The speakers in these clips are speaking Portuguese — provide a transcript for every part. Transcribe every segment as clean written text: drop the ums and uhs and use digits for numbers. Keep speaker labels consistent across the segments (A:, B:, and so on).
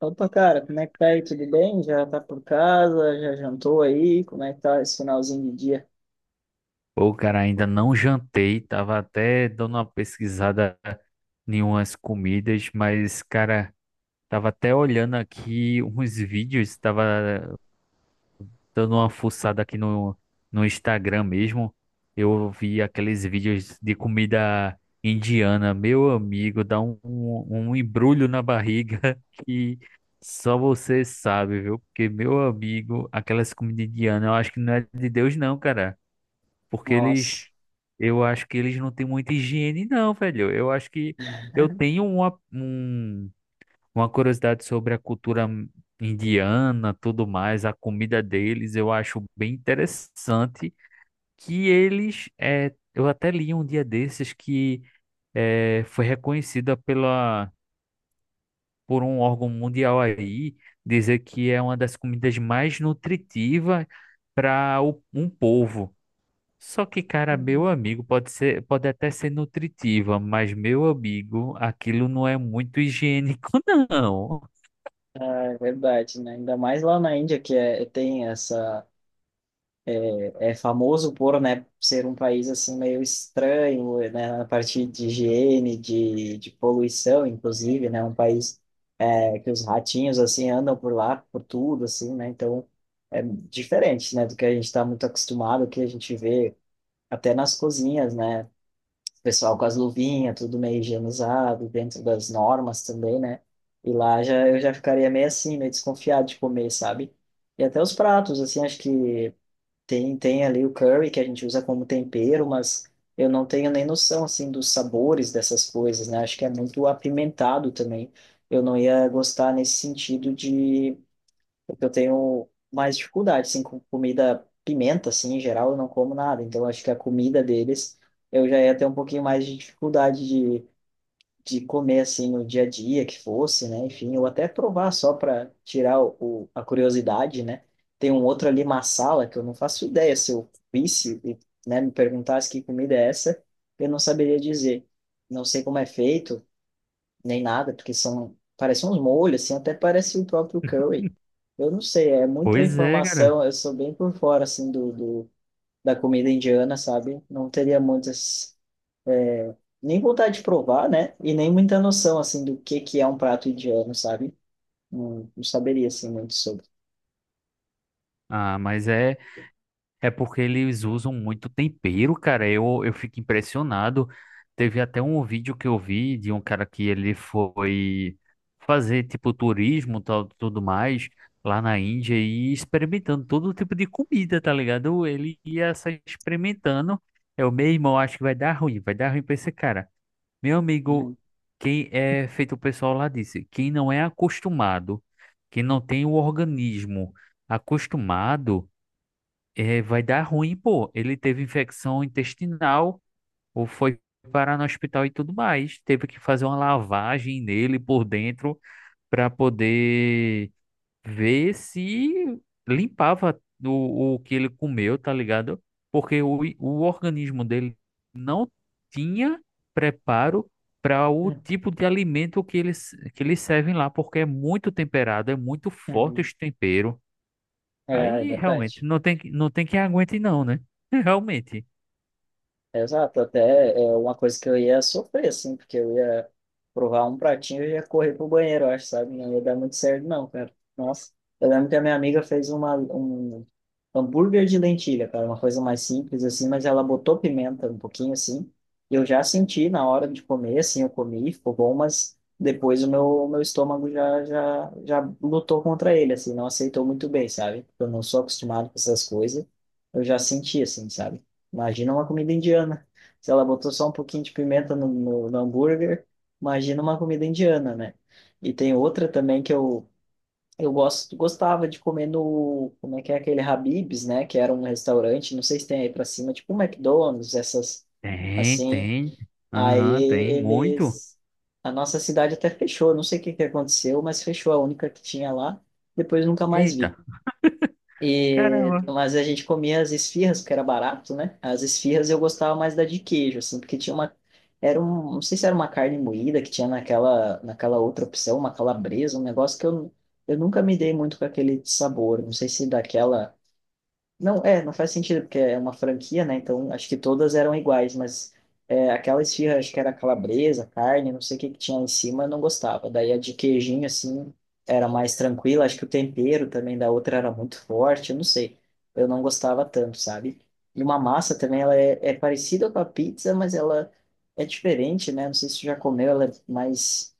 A: Opa, cara, como é que tá aí? Tudo bem? Já tá por casa? Já jantou aí? Como é que tá esse finalzinho de dia?
B: Pô, cara, ainda não jantei, tava até dando uma pesquisada em umas comidas, mas, cara, tava até olhando aqui uns vídeos, tava dando uma fuçada aqui no Instagram mesmo. Eu vi aqueles vídeos de comida indiana, meu amigo, dá um embrulho na barriga que só você sabe, viu? Porque, meu amigo, aquelas comidas indianas, eu acho que não é de Deus, não, cara. Porque eles,
A: Nossa.
B: eu acho que eles não têm muita higiene, não, velho. Eu acho que eu tenho uma curiosidade sobre a cultura indiana, tudo mais, a comida deles, eu acho bem interessante que eu até li um dia desses que foi reconhecida pela, por um órgão mundial aí, dizer que é uma das comidas mais nutritivas para um povo. Só que, cara, meu amigo pode ser, pode até ser nutritiva, mas meu amigo, aquilo não é muito higiênico, não.
A: Ah, é verdade, né? Ainda mais lá na Índia, tem essa. É famoso por, né, ser um país assim meio estranho, né, na parte de higiene, de poluição, inclusive, né? Um país que os ratinhos, assim, andam por lá, por tudo, assim, né? Então, é diferente, né, do que a gente está muito acostumado, que a gente vê até nas cozinhas, né? Pessoal com as luvinhas, tudo meio higienizado, dentro das normas também, né? E lá já eu já ficaria meio assim, meio desconfiado de comer, sabe? E até os pratos, assim, acho que tem ali o curry que a gente usa como tempero, mas eu não tenho nem noção assim dos sabores dessas coisas, né? Acho que é muito apimentado também. Eu não ia gostar nesse sentido de porque eu tenho mais dificuldade, assim, com comida pimenta, assim, em geral, eu não como nada. Então, acho que a comida deles, eu já ia ter um pouquinho mais de dificuldade de comer, assim, no dia a dia que fosse, né? Enfim, ou até provar só para tirar a curiosidade, né? Tem um outro ali, massala, que eu não faço ideia. Se eu visse né, me perguntasse que comida é essa, eu não saberia dizer. Não sei como é feito, nem nada, porque são, parecem uns molhos, assim, até parece o próprio curry. Eu não sei, é muita
B: Pois é, cara.
A: informação, eu sou bem por fora, assim, da comida indiana, sabe? Não teria muitas, é, nem vontade de provar, né? E nem muita noção, assim, do que é um prato indiano, sabe? Não saberia, assim, muito sobre.
B: Ah, mas é. É porque eles usam muito tempero, cara. Eu fico impressionado. Teve até um vídeo que eu vi de um cara que ele foi fazer tipo turismo, tal, tudo mais, lá na Índia e experimentando todo tipo de comida, tá ligado? Ele ia só experimentando. Eu, meu irmão, acho que vai dar ruim pra esse cara. Meu amigo,
A: Uhum.
B: quem é feito o pessoal lá disse, quem não é acostumado, quem não tem o organismo acostumado vai dar ruim, pô. Ele teve infecção intestinal ou foi parar no hospital e tudo mais. Teve que fazer uma lavagem nele por dentro para poder ver se limpava o que ele comeu, tá ligado? Porque o organismo dele não tinha preparo para o tipo de alimento que eles servem lá, porque é muito temperado, é muito forte
A: Uhum.
B: os temperos.
A: É, é
B: Aí realmente
A: verdade.
B: não tem quem aguente não, né? Realmente.
A: Exato, até é uma coisa que eu ia sofrer, assim, porque eu ia provar um pratinho e ia correr pro banheiro, eu acho, sabe? Não ia dar muito certo, não, cara. Nossa, eu lembro que a minha amiga fez um hambúrguer de lentilha, cara, uma coisa mais simples, assim, mas ela botou pimenta um pouquinho, assim, e eu já senti na hora de comer, assim, eu comi, ficou bom, mas depois o meu estômago já lutou contra ele, assim, não aceitou muito bem, sabe? Eu não sou acostumado com essas coisas, eu já senti, assim, sabe? Imagina uma comida indiana. Se ela botou só um pouquinho de pimenta no hambúrguer, imagina uma comida indiana, né? E tem outra também que eu gostava de comer no, como é que é aquele Habib's, né? Que era um restaurante, não sei se tem aí pra cima, tipo um McDonald's, essas
B: Tem,
A: assim.
B: tem.
A: Aí
B: Aham, tem muito.
A: eles, a nossa cidade até fechou, não sei o que que aconteceu, mas fechou a única que tinha lá. Depois nunca mais
B: Eita,
A: vi. E,
B: caramba.
A: mas a gente comia as esfirras, porque era barato, né? As esfirras eu gostava mais da de queijo, assim, porque tinha uma. Era um, não sei se era uma carne moída que tinha naquela outra opção, uma calabresa, um negócio que eu nunca me dei muito com aquele sabor. Não sei se daquela não, é, não faz sentido, porque é uma franquia, né? Então, acho que todas eram iguais, mas é, aquela esfirra, acho que era calabresa, carne, não sei o que que tinha lá em cima, eu não gostava. Daí a de queijinho, assim, era mais tranquila. Acho que o tempero também da outra era muito forte, eu não sei. Eu não gostava tanto, sabe? E uma massa também, é parecida com a pizza, mas ela é diferente, né? Não sei se você já comeu, ela é mais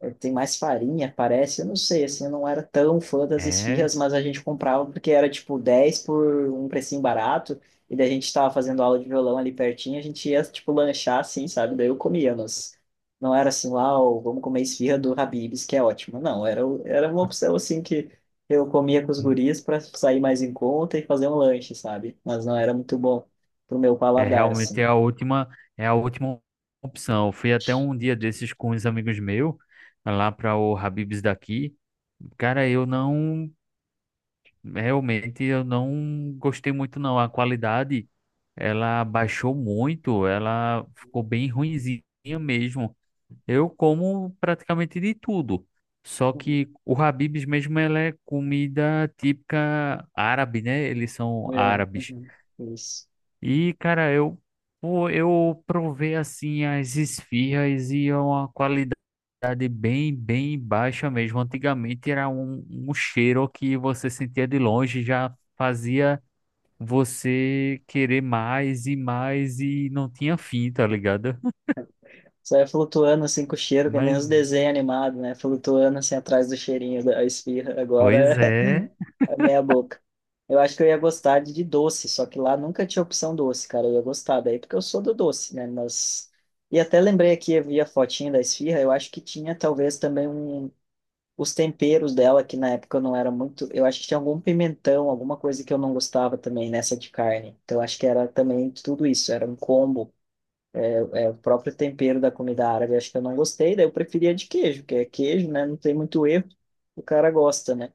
A: é, tem mais farinha, parece. Eu não sei, assim, eu não era tão fã das
B: É,
A: esfirras, mas a gente comprava porque era tipo 10 por um precinho barato. E daí a gente tava fazendo aula de violão ali pertinho, a gente ia, tipo, lanchar assim, sabe? Daí eu comia, mas não era assim, uau, vamos comer esfirra do Habib's, que é ótimo. Não, era, o- era uma opção assim que eu comia com os guris para sair mais em conta e fazer um lanche, sabe? Mas não era muito bom pro meu
B: é
A: paladar,
B: realmente
A: assim.
B: é a última opção. Eu fui até um dia desses com uns amigos meus, lá para o Habib's daqui. Cara, eu não, realmente eu não gostei muito não. A qualidade, ela baixou muito, ela ficou bem ruinzinha mesmo. Eu como praticamente de tudo. Só
A: Uhum.
B: que o Habib's mesmo ela é comida típica árabe, né? Eles são
A: É,
B: árabes.
A: uhum, isso.
B: E, cara, eu, pô, eu provei assim as esfirras e é uma qualidade bem, bem baixa mesmo. Antigamente era um cheiro que você sentia de longe, já fazia você querer mais e mais e não tinha fim, tá ligado?
A: Você vai flutuando assim com o cheiro, que nem
B: Mas,
A: os desenhos animados, né? Flutuando assim atrás do cheirinho da esfirra.
B: pois
A: Agora
B: é.
A: é meia boca. Eu acho que eu ia gostar de doce, só que lá nunca tinha opção doce, cara. Eu ia gostar daí porque eu sou do doce, né? Mas. E até lembrei aqui, eu vi a fotinha da esfirra, eu acho que tinha talvez também um... os temperos dela, que na época eu não era muito. Eu acho que tinha algum pimentão, alguma coisa que eu não gostava também nessa de carne. Então eu acho que era também tudo isso, era um combo. O próprio tempero da comida árabe, acho que eu não gostei, daí eu preferia de queijo, que é queijo, né? Não tem muito erro, o cara gosta, né?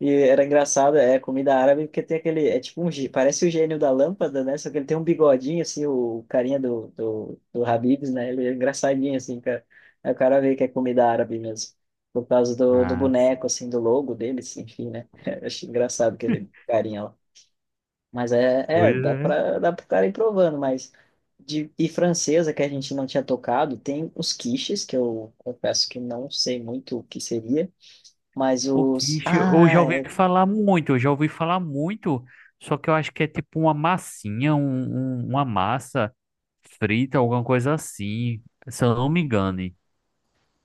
A: E era engraçado, é comida árabe, porque tem aquele, é tipo um, gê- parece o gênio da lâmpada, né? Só que ele tem um bigodinho, assim, o carinha do Habib's, né? Ele é engraçadinho, assim, cara. Aí o cara vê que é comida árabe mesmo, por causa do
B: Ah,
A: boneco, assim, do logo dele, assim, enfim, né? Eu acho engraçado aquele carinha lá. Mas é, é
B: pois é.
A: dá para o cara ir provando, mas de e francesa que a gente não tinha tocado, tem os quiches, que eu confesso que não sei muito o que seria, mas
B: O
A: os
B: quiche, eu já
A: ah,
B: ouvi
A: é,
B: falar muito, eu já ouvi falar muito, só que eu acho que é tipo uma massinha, uma massa frita, alguma coisa assim, se eu não me engane.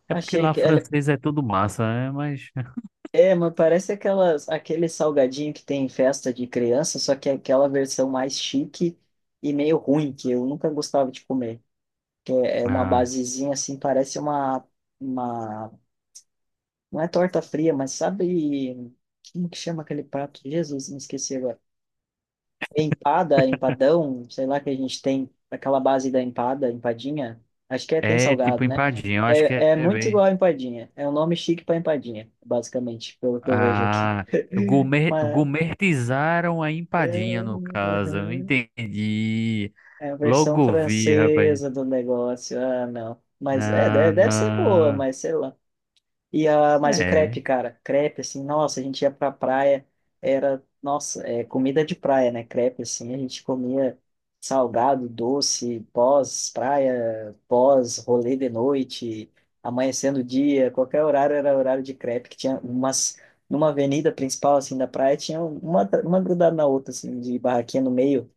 B: É porque
A: achei
B: lá
A: que ela
B: francês é tudo massa, né? Mas
A: é, mas parece aquelas aquele salgadinho que tem em festa de criança, só que é aquela versão mais chique e meio ruim que eu nunca gostava de comer, que é, é uma
B: ah,
A: basezinha assim, parece uma não é torta fria, mas sabe como que chama aquele prato? Jesus, me esqueci agora. Empada, empadão, sei lá que a gente tem aquela base da empada, empadinha. Acho que é, tem
B: é tipo
A: salgado, né?
B: empadinha, eu acho que
A: É, é
B: é
A: muito
B: bem.
A: igual a empadinha. É um nome chique para empadinha, basicamente, pelo que eu vejo aqui.
B: Ah, gourmet,
A: Mas,
B: gourmetizaram a
A: é,
B: empadinha no caso, eu
A: uhum.
B: entendi.
A: É a versão
B: Logo vi, rapaz.
A: francesa do negócio. Ah, não. Mas é,
B: Na,
A: deve
B: na,
A: ser boa, mas sei lá. E a, mas o crepe,
B: é.
A: cara, crepe, assim, nossa, a gente ia pra praia, era, nossa, é comida de praia, né? Crepe, assim, a gente comia salgado, doce, pós-praia, pós-rolê de noite, amanhecendo o dia, qualquer horário era horário de crepe, que tinha umas, numa avenida principal, assim, da praia, tinha uma grudada na outra, assim, de barraquinha no meio,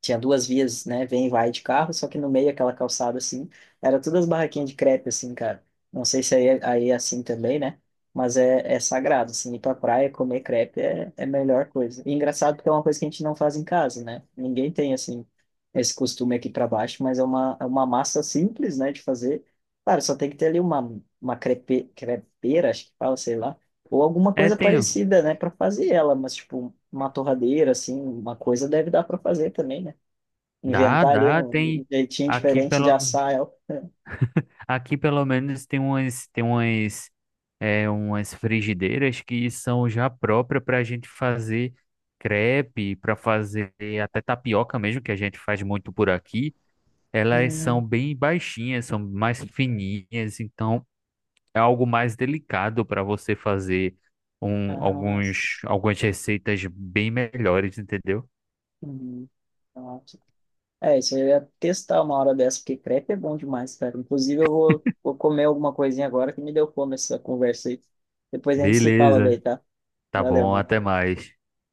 A: tinha duas vias, né? Vem e vai de carro, só que no meio aquela calçada assim, era todas barraquinhas de crepe assim, cara. Não sei se aí, é- aí é assim também, né? Mas é, é sagrado, assim, ir pra praia comer crepe é, é a melhor coisa. E engraçado porque é uma coisa que a gente não faz em casa, né? Ninguém tem, assim, esse costume aqui para baixo, mas é uma massa simples, né, de fazer. Claro, só tem que ter ali uma crepe, crepeira, acho que fala, sei lá, ou alguma
B: É,
A: coisa
B: tem.
A: parecida, né, para fazer ela, mas tipo, uma torradeira, assim, uma coisa deve dar para fazer também, né?
B: Dá,
A: Inventar ali
B: dá,
A: um
B: tem
A: jeitinho
B: aqui
A: diferente
B: pelo
A: de assar ela.
B: aqui pelo menos tem umas é, umas frigideiras que são já próprias para a gente fazer crepe, para fazer até tapioca mesmo, que a gente faz muito por aqui. Elas
A: Hum,
B: são bem baixinhas, são mais fininhas, então é algo mais delicado para você fazer
A: nossa.
B: alguns algumas receitas bem melhores, entendeu?
A: Hum, nossa. É, isso aí eu ia testar uma hora dessa, porque crepe é bom demais, cara. Inclusive, vou comer alguma coisinha agora que me deu fome essa conversa aí. Depois a gente se fala
B: Beleza,
A: daí, tá?
B: tá
A: Valeu,
B: bom,
A: mano.
B: até mais.